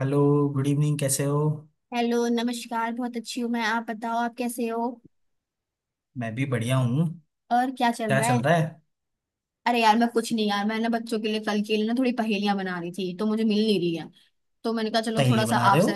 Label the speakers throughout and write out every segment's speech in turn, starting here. Speaker 1: Hello. Good evening, कैसे हो।
Speaker 2: Hello नमस्कार बहुत अच्छी हूँ मैं। आप बताओ आप कैसे हो।
Speaker 1: मैं भी बढ़िया हूँ।
Speaker 2: और क्या चल
Speaker 1: क्या
Speaker 2: रहा
Speaker 1: चल
Speaker 2: है।
Speaker 1: रहा है।
Speaker 2: अरे यार मैं कुछ नहीं यार। मैं ना बच्चों के लिए कल के लिए ना थोड़ी पहेलियां बना रही थी तो मुझे मिल नहीं रही है। तो मैंने कहा चलो थोड़ा
Speaker 1: पहेली
Speaker 2: सा
Speaker 1: बना रहे हो।
Speaker 2: आपसे।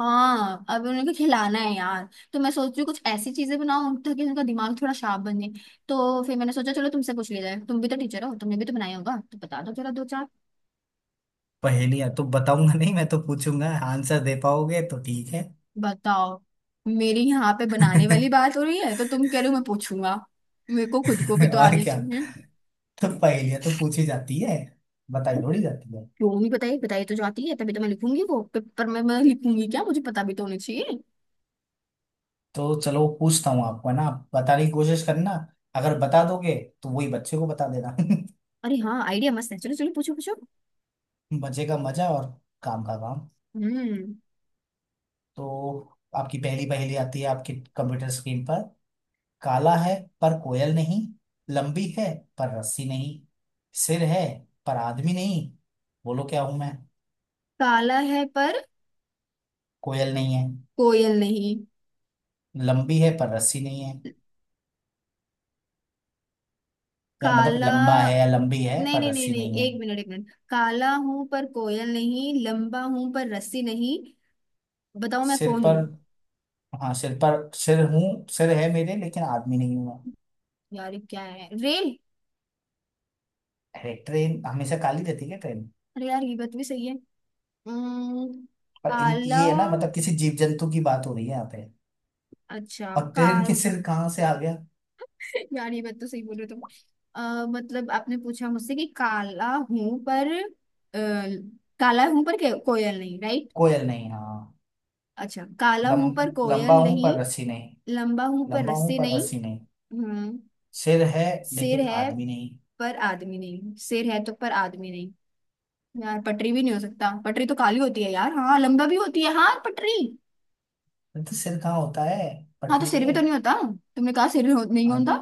Speaker 2: हाँ अब उनको खिलाना है यार। तो मैं सोच रही हूँ कुछ ऐसी चीजें बनाऊं ताकि उनका दिमाग थोड़ा शार्प बन जाए। तो फिर मैंने सोचा चलो तुमसे पूछ लिया जाए। तुम भी तो टीचर हो तुमने भी तो बनाया होगा तो बता दो जरा दो चार।
Speaker 1: पहेलियाँ तो बताऊंगा नहीं, मैं तो पूछूंगा। आंसर दे पाओगे तो ठीक है।
Speaker 2: बताओ। मेरी यहाँ पे बनाने वाली बात हो रही है तो तुम कह रहे हो मैं पूछूंगा। मेरे को खुद को भी तो
Speaker 1: और
Speaker 2: आने
Speaker 1: क्या।
Speaker 2: चाहिए।
Speaker 1: तो पहेलियाँ तो पूछी जाती है, बताई थोड़ी जाती है।
Speaker 2: क्यों नहीं बताई। बताई तो जाती है तभी तो मैं लिखूंगी वो पेपर में। मैं लिखूंगी क्या, मुझे पता भी तो होना चाहिए।
Speaker 1: तो चलो पूछता हूँ आपको, है ना। आप बताने की कोशिश करना। अगर बता दोगे तो वही बच्चे को बता देना।
Speaker 2: अरे हाँ आइडिया मस्त है, चलो चलो पूछो पूछो।
Speaker 1: मजे का मजा और काम का काम।
Speaker 2: हम्म।
Speaker 1: तो आपकी पहली पहेली आती है आपके कंप्यूटर स्क्रीन पर। काला है पर कोयल नहीं। लंबी है पर रस्सी नहीं। सिर है पर आदमी नहीं। बोलो क्या हूं मैं।
Speaker 2: काला है पर
Speaker 1: कोयल नहीं है।
Speaker 2: कोयल नहीं।
Speaker 1: लंबी है पर रस्सी नहीं है। या मतलब
Speaker 2: काला।
Speaker 1: लंबा है या लंबी है
Speaker 2: नहीं
Speaker 1: पर
Speaker 2: नहीं नहीं
Speaker 1: रस्सी
Speaker 2: नहीं,
Speaker 1: नहीं है।
Speaker 2: एक मिनट एक मिनट। काला हूं पर कोयल नहीं, लंबा हूं पर रस्सी नहीं। बताओ मैं
Speaker 1: सिर
Speaker 2: कौन हूँ।
Speaker 1: पर। हाँ, सिर पर सिर हूँ। सिर है मेरे, लेकिन आदमी नहीं हूं मैं।
Speaker 2: यार ये क्या है, रेल।
Speaker 1: अरे ट्रेन हमेशा काली रहती है क्या, ट्रेन।
Speaker 2: अरे यार ये बात भी सही है। हम्म,
Speaker 1: और इन
Speaker 2: काला।
Speaker 1: ये है ना, मतलब किसी जीव जंतु की बात हो रही है यहाँ पे।
Speaker 2: अच्छा
Speaker 1: और ट्रेन के
Speaker 2: काल।
Speaker 1: सिर कहाँ से आ गया।
Speaker 2: यार ये बात तो सही बोल रहे हो तुम। मतलब आपने पूछा मुझसे कि काला हूं पर। अ, काला हूं पर कोयल नहीं, राइट।
Speaker 1: कोयल नहीं, हाँ।
Speaker 2: अच्छा काला
Speaker 1: लम,
Speaker 2: हूं पर
Speaker 1: लंबा
Speaker 2: कोयल
Speaker 1: हूं पर
Speaker 2: नहीं,
Speaker 1: रस्सी नहीं।
Speaker 2: लंबा हूं पर
Speaker 1: लंबा हूं
Speaker 2: रस्सी
Speaker 1: पर
Speaker 2: नहीं।
Speaker 1: रस्सी नहीं।
Speaker 2: हम्म।
Speaker 1: सिर है
Speaker 2: सिर
Speaker 1: लेकिन
Speaker 2: है
Speaker 1: आदमी नहीं
Speaker 2: पर आदमी नहीं। सिर है तो पर आदमी नहीं। यार पटरी भी नहीं हो सकता, पटरी तो काली होती है यार। हाँ लंबा भी होती है, हाँ पटरी।
Speaker 1: है। तो सिर कहाँ होता है
Speaker 2: हाँ तो
Speaker 1: पटरी
Speaker 2: सिर
Speaker 1: के।
Speaker 2: भी तो नहीं होता। तुमने कहा सिर हो, नहीं
Speaker 1: आप
Speaker 2: होता।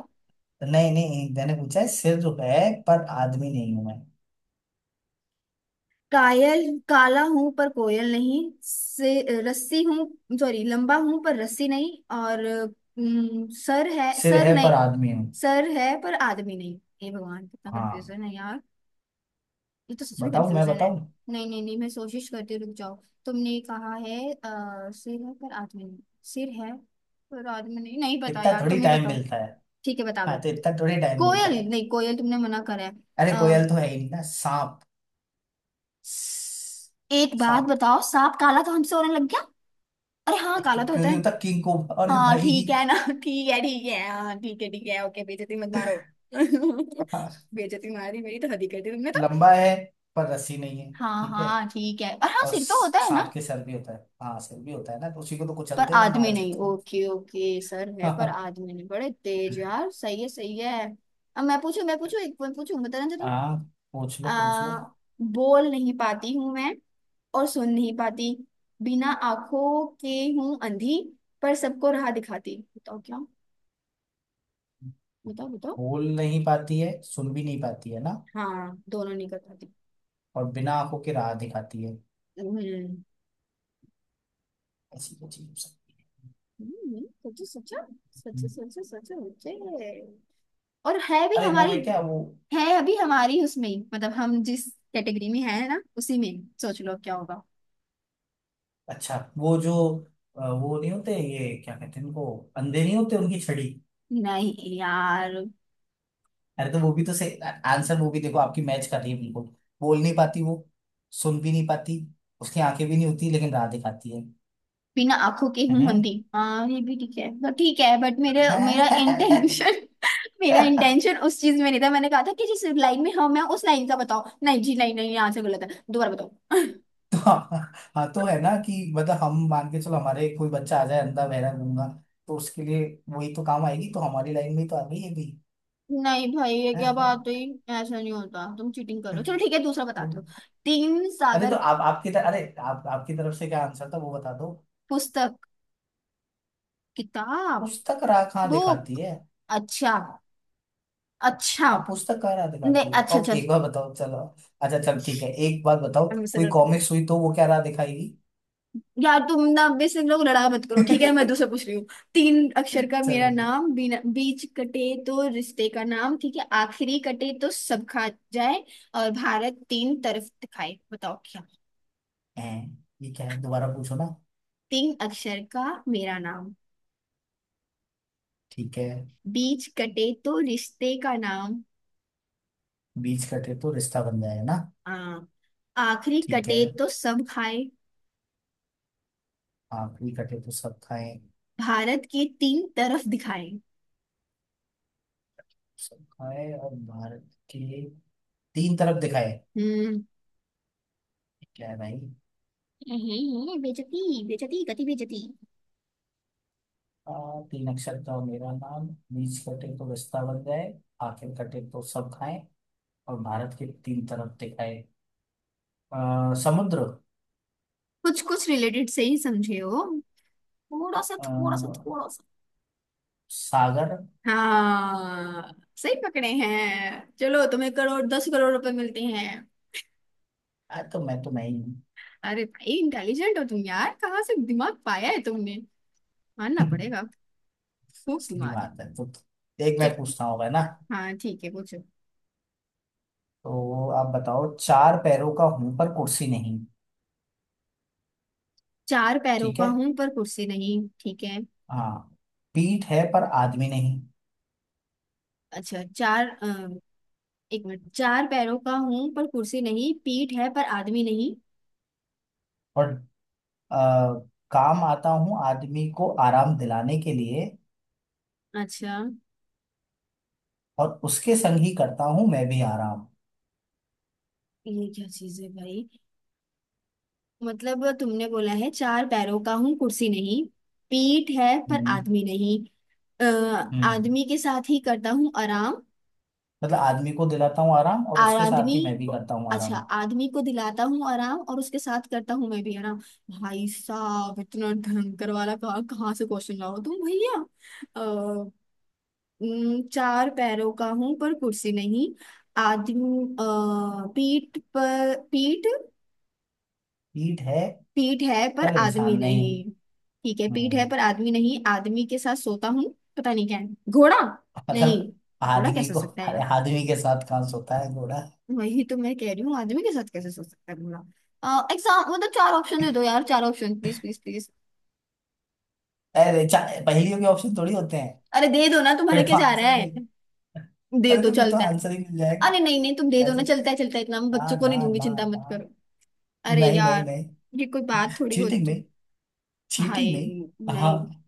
Speaker 1: नहीं नहीं, मैंने पूछा है सिर जो है पर आदमी नहीं हूं मैं।
Speaker 2: कायल, काला हूं पर कोयल नहीं से रस्सी हूं, सॉरी लंबा हूं पर रस्सी नहीं। और सर है,
Speaker 1: सिर
Speaker 2: सर
Speaker 1: है पर
Speaker 2: नहीं।
Speaker 1: आदमी हूँ।
Speaker 2: सर है पर आदमी नहीं। हे भगवान कितना
Speaker 1: हाँ,
Speaker 2: कंफ्यूजन है यार। ये तो सच में
Speaker 1: बताऊं मैं,
Speaker 2: कंफ्यूजन है।
Speaker 1: बताऊं।
Speaker 2: नहीं नहीं नहीं, मैं कोशिश करती हूँ, रुक जाओ। तुमने कहा है सिर है पर आदमी नहीं। सिर है पर आदमी नहीं, नहीं पता
Speaker 1: इतना
Speaker 2: यार,
Speaker 1: थोड़ी
Speaker 2: तुम ही
Speaker 1: टाइम
Speaker 2: बताओ।
Speaker 1: मिलता है।
Speaker 2: ठीक है बता दो।
Speaker 1: हाँ, तो इतना थोड़ी टाइम मिलता
Speaker 2: कोयल
Speaker 1: है।
Speaker 2: नहीं, कोयल तुमने मना करा है।
Speaker 1: अरे
Speaker 2: अ,
Speaker 1: कोयल तो है ही नहीं ना, सांप। स-
Speaker 2: एक बात
Speaker 1: सांप
Speaker 2: बताओ, सांप काला तो हमसे होने लग गया। अरे हाँ काला
Speaker 1: क्यों,
Speaker 2: तो
Speaker 1: क्यों
Speaker 2: होता है।
Speaker 1: नहीं होता किंग को। अरे
Speaker 2: हाँ
Speaker 1: भाई।
Speaker 2: ठीक है ना ठीक है हाँ ठीक है ओके, बेइज्जती मत मारो
Speaker 1: हाँ,
Speaker 2: बेइज्जती मारी मेरी, तो हद ही कर दी तुमने तो।
Speaker 1: लंबा है पर रस्सी नहीं है।
Speaker 2: हाँ
Speaker 1: ठीक है।
Speaker 2: हाँ ठीक है, और हाँ
Speaker 1: और
Speaker 2: सिर तो होता है
Speaker 1: सांप
Speaker 2: ना।
Speaker 1: के सर भी होता है। हाँ सर भी होता है ना, तो उसी को तो
Speaker 2: पर
Speaker 1: कुचलते हैं ना, मार
Speaker 2: आदमी नहीं,
Speaker 1: देते
Speaker 2: ओके ओके, सर है पर
Speaker 1: हैं।
Speaker 2: आदमी नहीं, बड़े तेज यार, सही है सही है। अब मैं पूछू मैं पूछू, एक पॉइंट पूछू बता ना तुम।
Speaker 1: आ, पूछ लो, पूछ लो।
Speaker 2: आ, बोल नहीं पाती हूँ मैं, और सुन नहीं पाती, बिना आंखों के हूँ अंधी, पर सबको राह दिखाती, बताओ क्या। बताओ बताओ।
Speaker 1: बोल नहीं पाती है, सुन भी नहीं पाती है ना।
Speaker 2: हाँ दोनों नहीं कर पाती।
Speaker 1: और बिना आंखों के राह दिखाती है।
Speaker 2: हम्म।
Speaker 1: ऐसी क्या चीज हो सकती है।
Speaker 2: सोचो सोचो सोचो
Speaker 1: हम्म।
Speaker 2: सोचो सोचो सोचो। और है भी
Speaker 1: अरे वो है
Speaker 2: हमारी।
Speaker 1: क्या वो।
Speaker 2: है अभी हमारी उसमें ही, मतलब हम जिस कैटेगरी में है ना उसी में सोच लो क्या होगा।
Speaker 1: अच्छा वो जो वो नहीं होते, ये क्या कहते हैं उनको, अंधे नहीं होते उनकी छड़ी।
Speaker 2: नहीं यार।
Speaker 1: अरे तो वो भी तो से आंसर, वो भी देखो आपकी मैच कर रही है बिल्कुल। बोल नहीं पाती वो, सुन भी नहीं पाती, उसकी आंखें भी नहीं होती लेकिन राह दिखाती है।
Speaker 2: बिना आंखों के हूं अंधी।
Speaker 1: हैं?
Speaker 2: हाँ ये भी ठीक है तो ठीक है, बट मेरे मेरा इंटेंशन मेरा इंटेंशन उस चीज में नहीं था। मैंने कहा था कि जिस लाइन में हम है उस लाइन का बताओ। नहीं जी, नहीं नहीं यहाँ से गलत है, दोबारा बताओ
Speaker 1: तो हाँ। हाँ, तो है ना कि मतलब हम मान के चलो, हमारे कोई बच्चा आ जाए अंधा बहरा गूंगा, तो उसके लिए वही तो काम आएगी, तो हमारी लाइन में ही तो आ गई है भी।
Speaker 2: नहीं भाई ये
Speaker 1: हाँ,
Speaker 2: क्या बात
Speaker 1: हाँ।
Speaker 2: हुई। ऐसा नहीं होता, तुम चीटिंग करो। चलो ठीक है दूसरा बताते हो।
Speaker 1: हम्म।
Speaker 2: तीन
Speaker 1: अरे तो
Speaker 2: सागर।
Speaker 1: आप आपकी तरफ, अरे आप आपकी तरफ से क्या आंसर था वो बता दो।
Speaker 2: पुस्तक। किताब।
Speaker 1: पुस्तक राह कहाँ दिखाती
Speaker 2: बुक।
Speaker 1: है।
Speaker 2: अच्छा। अच्छा।
Speaker 1: आप पुस्तक कहाँ राह
Speaker 2: नहीं
Speaker 1: दिखाती है,
Speaker 2: अच्छा
Speaker 1: अब
Speaker 2: अच्छा।
Speaker 1: एक बार बताओ चलो। अच्छा चल ठीक है, एक बात बताओ
Speaker 2: I'm से
Speaker 1: कोई
Speaker 2: लड़ रही हूँ।
Speaker 1: कॉमिक्स हुई तो वो क्या राह दिखाएगी।
Speaker 2: यार तुम ना, अब इससे लोग लड़ाई मत करो ठीक है ना, मैं दूसरा पूछ रही हूँ। तीन अक्षर का मेरा
Speaker 1: चलो ठीक
Speaker 2: नाम, बिना बीच कटे तो रिश्ते का नाम ठीक है, आखिरी कटे तो सब खा जाए, और भारत तीन तरफ दिखाए, बताओ क्या।
Speaker 1: है। ये क्या है, दोबारा पूछो ना।
Speaker 2: तीन अक्षर का मेरा नाम।
Speaker 1: ठीक है।
Speaker 2: बीच कटे तो रिश्ते का नाम।
Speaker 1: बीच कटे तो रिश्ता बन जाए ना।
Speaker 2: हाँ। आखिरी
Speaker 1: ठीक है।
Speaker 2: कटे तो सब खाए।
Speaker 1: आखिरी कटे तो सब खाए।
Speaker 2: भारत के तीन तरफ दिखाए।
Speaker 1: सब खाए और भारत के तीन तरफ दिखाए।
Speaker 2: हम्म।
Speaker 1: क्या है भाई।
Speaker 2: बेचती। बेचती गति बेचती।
Speaker 1: तीन अक्षर का मेरा नाम, बीच कटे तो रिश्ता बन जाए, आखिर कटे तो सब खाए, और भारत के तीन तरफ दिखाए। समुद्र।
Speaker 2: कुछ कुछ रिलेटेड से ही समझे हो, थोड़ा सा थोड़ा सा
Speaker 1: आ,
Speaker 2: थोड़ा सा।
Speaker 1: सागर।
Speaker 2: हाँ सही पकड़े हैं, चलो तुम्हें करोड़, 10 करोड़ रुपए मिलते हैं।
Speaker 1: तो मैं, तो मैं ही हूँ।
Speaker 2: अरे भाई इंटेलिजेंट हो तुम यार, कहाँ से दिमाग पाया है तुमने, मानना पड़ेगा। खूब
Speaker 1: सही
Speaker 2: दिमाग है।
Speaker 1: बात है। तो एक
Speaker 2: चल।
Speaker 1: मैं पूछता हूँ भाई ना।
Speaker 2: हाँ ठीक है पूछो।
Speaker 1: तो आप बताओ, चार पैरों का हूं पर कुर्सी नहीं।
Speaker 2: चार पैरों
Speaker 1: ठीक
Speaker 2: का
Speaker 1: है।
Speaker 2: हूं पर कुर्सी नहीं, ठीक है।
Speaker 1: हाँ, पीठ है पर आदमी नहीं।
Speaker 2: अच्छा चार एक मिनट, चार पैरों का हूं पर कुर्सी नहीं, पीठ है पर आदमी नहीं।
Speaker 1: और अ, काम आता हूँ आदमी को आराम दिलाने के लिए,
Speaker 2: अच्छा।
Speaker 1: और उसके संग ही करता हूँ मैं भी आराम।
Speaker 2: ये क्या चीज है भाई। मतलब तुमने बोला है चार पैरों का हूं कुर्सी नहीं, पीठ है पर
Speaker 1: हम्म
Speaker 2: आदमी नहीं, अ,
Speaker 1: हम्म
Speaker 2: आदमी के साथ ही करता हूँ आराम,
Speaker 1: मतलब आदमी को दिलाता हूँ आराम, और
Speaker 2: और
Speaker 1: उसके
Speaker 2: आदमी
Speaker 1: साथ ही मैं भी
Speaker 2: को-
Speaker 1: करता हूँ
Speaker 2: अच्छा,
Speaker 1: आराम।
Speaker 2: आदमी को दिलाता हूँ आराम और उसके साथ करता हूँ मैं भी आराम। भाई साहब इतना भयंकर वाला कहाँ कहाँ से क्वेश्चन लाओ तुम भैया। चार पैरों का हूं पर कुर्सी नहीं, आदमी पीठ, पर पीठ,
Speaker 1: पीठ है
Speaker 2: पीठ है पर
Speaker 1: पर इंसान
Speaker 2: आदमी
Speaker 1: नहीं।
Speaker 2: नहीं। ठीक है, पीठ है
Speaker 1: हम्म
Speaker 2: पर आदमी नहीं, आदमी के साथ सोता हूँ। पता नहीं क्या है, घोड़ा।
Speaker 1: मतलब
Speaker 2: नहीं। घोड़ा
Speaker 1: आदमी
Speaker 2: कैसे हो
Speaker 1: को,
Speaker 2: सकता है
Speaker 1: अरे
Speaker 2: यार।
Speaker 1: आदमी के साथ कहाँ सोता है घोड़ा।
Speaker 2: वही तो मैं कह रही हूँ, आदमी के साथ कैसे सो सकता है घोड़ा। एग्जाम मतलब, चार ऑप्शन दे दो यार, चार ऑप्शन प्लीज प्लीज प्लीज।
Speaker 1: अरे पहेलियों के ऑप्शन थोड़ी होते हैं।
Speaker 2: अरे दे दो ना,
Speaker 1: फिर
Speaker 2: तुम्हारा क्या
Speaker 1: तो
Speaker 2: जा
Speaker 1: आंसर
Speaker 2: रहा
Speaker 1: ही मिल।
Speaker 2: है। दे
Speaker 1: अरे
Speaker 2: दो
Speaker 1: तो फिर तो
Speaker 2: चलता है।
Speaker 1: आंसर ही मिल जाएगा।
Speaker 2: अरे नहीं नहीं तुम दे दो ना,
Speaker 1: ऐसे नहीं,
Speaker 2: चलता है चलता है, इतना मैं
Speaker 1: ना
Speaker 2: बच्चों को नहीं
Speaker 1: ना
Speaker 2: दूंगी,
Speaker 1: ना
Speaker 2: चिंता मत करो।
Speaker 1: ना।
Speaker 2: अरे
Speaker 1: नहीं नहीं
Speaker 2: यार,
Speaker 1: नहीं।
Speaker 2: ये कोई बात थोड़ी
Speaker 1: चीटिंग
Speaker 2: होती।
Speaker 1: नहीं, चीटिंग
Speaker 2: भाई।
Speaker 1: नहीं।
Speaker 2: नहीं।
Speaker 1: हाँ,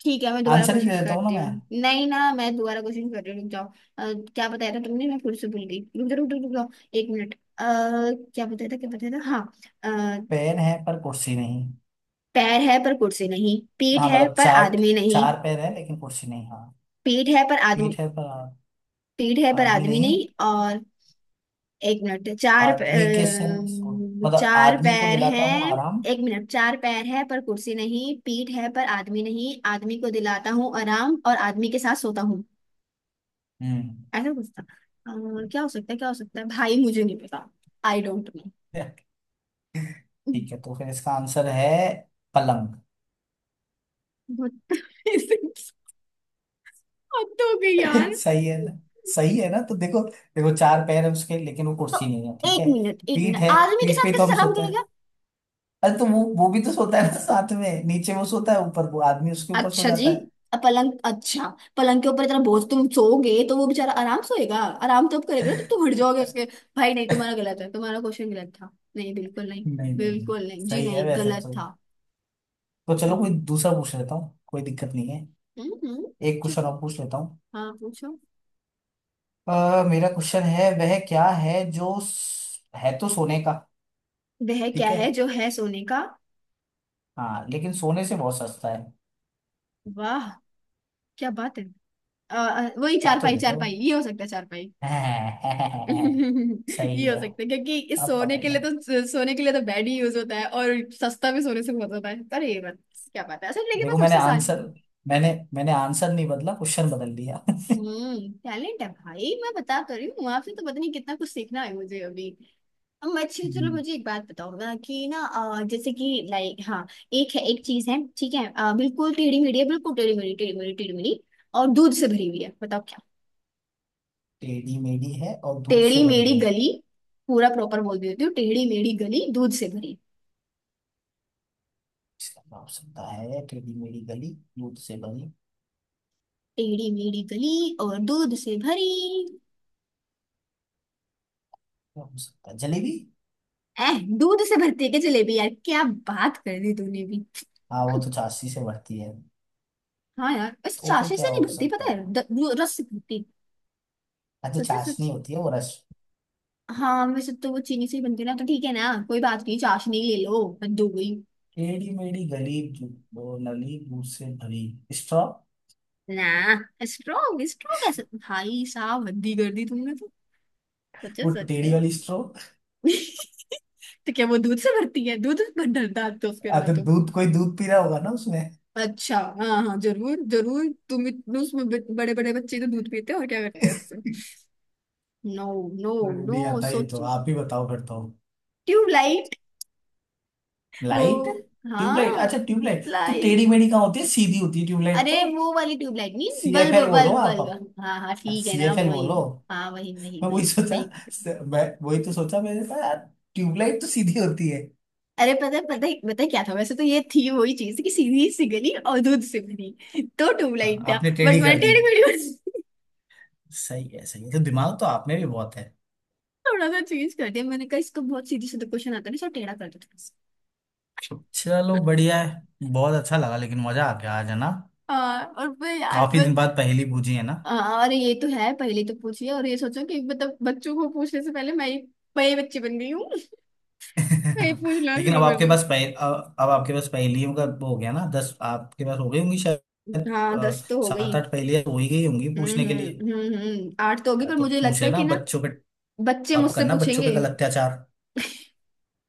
Speaker 2: ठीक है मैं दोबारा
Speaker 1: आंसर ही दे
Speaker 2: कोशिश
Speaker 1: देता हूँ ना
Speaker 2: करती हूँ।
Speaker 1: मैं।
Speaker 2: नहीं ना, मैं दोबारा कोशिश कर रही हूँ रुक जाओ। अ, क्या बताया था तुमने, मैं फिर से भूल गई, रुक जाओ रुक जाओ रुक जाओ, एक मिनट। क्या बताया था, क्या बताया था, हाँ। अ,
Speaker 1: पैर है पर कुर्सी नहीं।
Speaker 2: पैर है पर कुर्सी नहीं, पीठ
Speaker 1: हाँ
Speaker 2: है
Speaker 1: मतलब
Speaker 2: पर
Speaker 1: चार,
Speaker 2: आदमी नहीं।
Speaker 1: चार पैर है लेकिन कुर्सी नहीं। हाँ,
Speaker 2: पीठ है पर आदमी,
Speaker 1: पीठ है पर
Speaker 2: पीठ है पर
Speaker 1: आदमी
Speaker 2: आदमी
Speaker 1: नहीं।
Speaker 2: नहीं। और एक मिनट, चार
Speaker 1: आदमी के संग, मतलब
Speaker 2: चार
Speaker 1: आदमी को
Speaker 2: पैर
Speaker 1: दिलाता हूँ
Speaker 2: हैं।
Speaker 1: आराम।
Speaker 2: एक मिनट, चार पैर है पर कुर्सी नहीं, पीठ है पर आदमी नहीं, आदमी को दिलाता हूँ आराम, और आदमी के साथ सोता हूँ।
Speaker 1: हम्म।
Speaker 2: ऐसा कुछ था। क्या हो सकता है, क्या हो सकता है भाई, मुझे नहीं पता। I don't know.
Speaker 1: ठीक है, तो फिर इसका आंसर है पलंग।
Speaker 2: बहुत, हद हो गई यार।
Speaker 1: सही है ना। सही है ना, तो देखो देखो, चार पैर है उसके लेकिन वो
Speaker 2: तो
Speaker 1: कुर्सी नहीं है, ठीक
Speaker 2: एक
Speaker 1: है।
Speaker 2: मिनट एक
Speaker 1: पीठ
Speaker 2: मिनट,
Speaker 1: है,
Speaker 2: आदमी के
Speaker 1: पीठ पे
Speaker 2: साथ
Speaker 1: ही तो
Speaker 2: कैसे
Speaker 1: हम
Speaker 2: सलाम
Speaker 1: सोते
Speaker 2: करेगा।
Speaker 1: हैं। अरे तो वो भी तो सोता है ना साथ में, नीचे वो सोता है, ऊपर वो आदमी उसके ऊपर सो
Speaker 2: अच्छा जी।
Speaker 1: जाता है।
Speaker 2: पलंग, अच्छा। पलंग के ऊपर इतना बोझ, तुम सोओगे तो वो बेचारा आराम सोएगा, आराम तब करेगा ना, तब तुम उठ जाओगे उसके। भाई नहीं, तुम्हारा गलत है, तुम्हारा क्वेश्चन गलत था। नहीं बिल्कुल नहीं,
Speaker 1: नहीं नहीं नहीं,
Speaker 2: बिल्कुल नहीं जी,
Speaker 1: सही है
Speaker 2: नहीं
Speaker 1: वैसे
Speaker 2: गलत
Speaker 1: तो।
Speaker 2: था।
Speaker 1: तो चलो कोई
Speaker 2: हम्म।
Speaker 1: दूसरा पूछ लेता हूँ, कोई दिक्कत नहीं है।
Speaker 2: हम्म हम्म,
Speaker 1: एक
Speaker 2: चुप।
Speaker 1: क्वेश्चन और पूछ लेता हूँ।
Speaker 2: हाँ पूछो।
Speaker 1: मेरा क्वेश्चन है, वह क्या है जो है तो सोने का।
Speaker 2: वह क्या
Speaker 1: ठीक है।
Speaker 2: है जो है सोने का।
Speaker 1: हाँ लेकिन सोने से बहुत सस्ता है।
Speaker 2: वाह क्या बात है। वही चार
Speaker 1: अब तो
Speaker 2: पाई,
Speaker 1: दे
Speaker 2: चार
Speaker 1: दो।
Speaker 2: पाई, ये हो सकता है, चार
Speaker 1: सही
Speaker 2: ये हो
Speaker 1: है,
Speaker 2: सकता है क्योंकि इस
Speaker 1: अब
Speaker 2: सोने
Speaker 1: पता ही
Speaker 2: के लिए,
Speaker 1: है।
Speaker 2: तो सोने के लिए तो बेड ही यूज होता है, और सस्ता भी सोने से बहुत होता है, पर ये बात। क्या पता है सर, लेकिन मैं
Speaker 1: देखो मैंने
Speaker 2: सबसे आसान।
Speaker 1: आंसर, मैंने, मैंने आंसर नहीं बदला, क्वेश्चन बदल दिया।
Speaker 2: हम्म, टैलेंट है भाई, मैं बता तो रही हूँ आपसे, तो पता नहीं कितना कुछ सीखना है मुझे अभी। अब अच्छा, चलो
Speaker 1: हम्म,
Speaker 2: मुझे एक बात बताओ ना कि ना जैसे कि, लाइक, हाँ एक है, एक चीज है ठीक है, बिल्कुल टेढ़ी मेढ़ी है, बिल्कुल टेढ़ी मेढ़ी टेढ़ी मेढ़ी टेढ़ी मेढ़ी, और दूध से भरी हुई है, बताओ क्या।
Speaker 1: टेढ़ी मेढ़ी है और दूध से
Speaker 2: टेढ़ी
Speaker 1: बनी
Speaker 2: मेढ़ी
Speaker 1: है,
Speaker 2: गली। पूरा प्रॉपर बोल देती हूँ, टेढ़ी मेढ़ी गली दूध से भरी।
Speaker 1: इसका क्या हो सकता है। टेढ़ी मेढ़ी गली, दूध से बनी,
Speaker 2: टेढ़ी मेढ़ी गली और दूध से भरी।
Speaker 1: क्या हो सकता है, जलेबी।
Speaker 2: एह, दूध से भरती है क्या जलेबी यार, क्या बात कर दी तूने भी।
Speaker 1: हाँ वो तो चाशनी से बढ़ती है।
Speaker 2: हाँ यार, इस
Speaker 1: तो फिर
Speaker 2: चाशनी से
Speaker 1: क्या
Speaker 2: नहीं
Speaker 1: हो
Speaker 2: भरती,
Speaker 1: सकता
Speaker 2: पता है
Speaker 1: है।
Speaker 2: वो रस से भरती।
Speaker 1: हाँ तो
Speaker 2: सच है,
Speaker 1: चाशनी
Speaker 2: सच।
Speaker 1: होती है वो रस।
Speaker 2: हाँ वैसे तो वो चीनी से ही बनती है ना, तो ठीक है ना, कोई बात नहीं, चाशनी ले लो, हद हो गई।
Speaker 1: टेढ़ी मेढ़ी गली वो नली, दूध से भरी, स्ट्रॉ।
Speaker 2: ना। स्ट्रॉन्ग, स्ट्रॉन्ग कैसे भाई साहब, हद ही कर दी तुमने तो।
Speaker 1: वो
Speaker 2: सच है
Speaker 1: टेढ़ी वाली स्ट्रॉ।
Speaker 2: तो क्या वो दूध से भरती है, दूध डालते हो उसके अंदर
Speaker 1: अगर
Speaker 2: तो।
Speaker 1: दूध, कोई दूध पी रहा होगा ना उसमें।
Speaker 2: अच्छा हाँ हाँ, जरूर जरूर तुम इतने उसमें, बड़े बड़े बच्चे तो दूध पीते हो और क्या करते हैं उससे। नो। नो।
Speaker 1: अरे
Speaker 2: नो,
Speaker 1: नहीं आता ये, तो
Speaker 2: सोचो।
Speaker 1: आप ही बताओ, करता हूँ।
Speaker 2: ट्यूबलाइट।
Speaker 1: लाइट,
Speaker 2: वो।
Speaker 1: ट्यूबलाइट।
Speaker 2: हाँ।
Speaker 1: अच्छा ट्यूबलाइट तो टेढ़ी
Speaker 2: लाइट।
Speaker 1: मेढ़ी कहाँ होती है, सीधी होती है ट्यूबलाइट
Speaker 2: अरे
Speaker 1: तो।
Speaker 2: वो वाली ट्यूबलाइट नहीं,
Speaker 1: सी एफ
Speaker 2: बल्ब
Speaker 1: एल बोलो
Speaker 2: बल्ब
Speaker 1: आप,
Speaker 2: बल्ब, हाँ हाँ
Speaker 1: अब
Speaker 2: ठीक है
Speaker 1: सी
Speaker 2: ना,
Speaker 1: एफ एल
Speaker 2: वही।
Speaker 1: बोलो।
Speaker 2: हाँ वही वही
Speaker 1: मैं वही
Speaker 2: वही
Speaker 1: सोचा,
Speaker 2: सही।
Speaker 1: मैं वही तो सोचा, मैंने कहा यार ट्यूबलाइट तो सीधी होती है।
Speaker 2: अरे पता है पता है पता है क्या था, वैसे तो ये थी वही चीज कि सीधी सी गली और दूध से बनी, तो
Speaker 1: हाँ
Speaker 2: ट्यूबलाइट था,
Speaker 1: आपने
Speaker 2: बट
Speaker 1: टेढ़ी
Speaker 2: मैंने
Speaker 1: कर दी।
Speaker 2: टेढ़ी मेढ़ी
Speaker 1: सही है, सही है, तो दिमाग तो आप में भी बहुत है।
Speaker 2: थोड़ा सा चेंज कर दिया, मैंने कहा इसको, बहुत सीधी सीधा क्वेश्चन आता है ना, सब टेढ़ा कर दो थोड़ा।
Speaker 1: चलो बढ़िया है, बहुत अच्छा लगा लेकिन, मजा आ गया आज, है ना।
Speaker 2: हाँ और फिर यार
Speaker 1: काफी दिन
Speaker 2: बस।
Speaker 1: बाद पहेली पूछी है ना।
Speaker 2: हाँ और ये तो है, पहले तो पूछिए और ये सोचो कि मतलब बच्चों को पूछने से पहले मैं ही, मैं ही बच्ची बन गई हूँ मैं ही पूछना
Speaker 1: लेकिन
Speaker 2: शुरू
Speaker 1: अब
Speaker 2: कर
Speaker 1: आपके
Speaker 2: दूँ।
Speaker 1: पास अब आपके पास पहेलियों का वो हो गया ना, 10 आपके पास हो गई होंगी शायद।
Speaker 2: हाँ 10 तो हो
Speaker 1: सात
Speaker 2: गई।
Speaker 1: आठ पहेलियां हो ही गई होंगी पूछने के लिए।
Speaker 2: हम्म। आठ तो होगी, पर
Speaker 1: हाँ, तो
Speaker 2: मुझे
Speaker 1: पूछ
Speaker 2: लगता है
Speaker 1: लेना
Speaker 2: कि ना,
Speaker 1: बच्चों पे।
Speaker 2: बच्चे
Speaker 1: अब
Speaker 2: मुझसे
Speaker 1: करना बच्चों पे
Speaker 2: पूछेंगे।
Speaker 1: कल अत्याचार।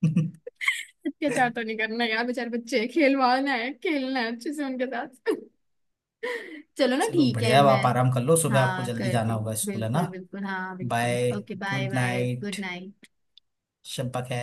Speaker 2: अत्याचार तो नहीं करना यार, बेचारे बच्चे, खिलवाना है, खेलना है अच्छे से उनके साथ चलो ना
Speaker 1: चलो
Speaker 2: ठीक है,
Speaker 1: बढ़िया, अब
Speaker 2: मैं,
Speaker 1: आप आराम कर लो, सुबह आपको
Speaker 2: हाँ
Speaker 1: जल्दी जाना
Speaker 2: करती,
Speaker 1: होगा, स्कूल है ना।
Speaker 2: बिल्कुल बिल्कुल हाँ बिल्कुल,
Speaker 1: bye,
Speaker 2: okay bye
Speaker 1: good
Speaker 2: bye
Speaker 1: night,
Speaker 2: good night.
Speaker 1: शब्बा खैर।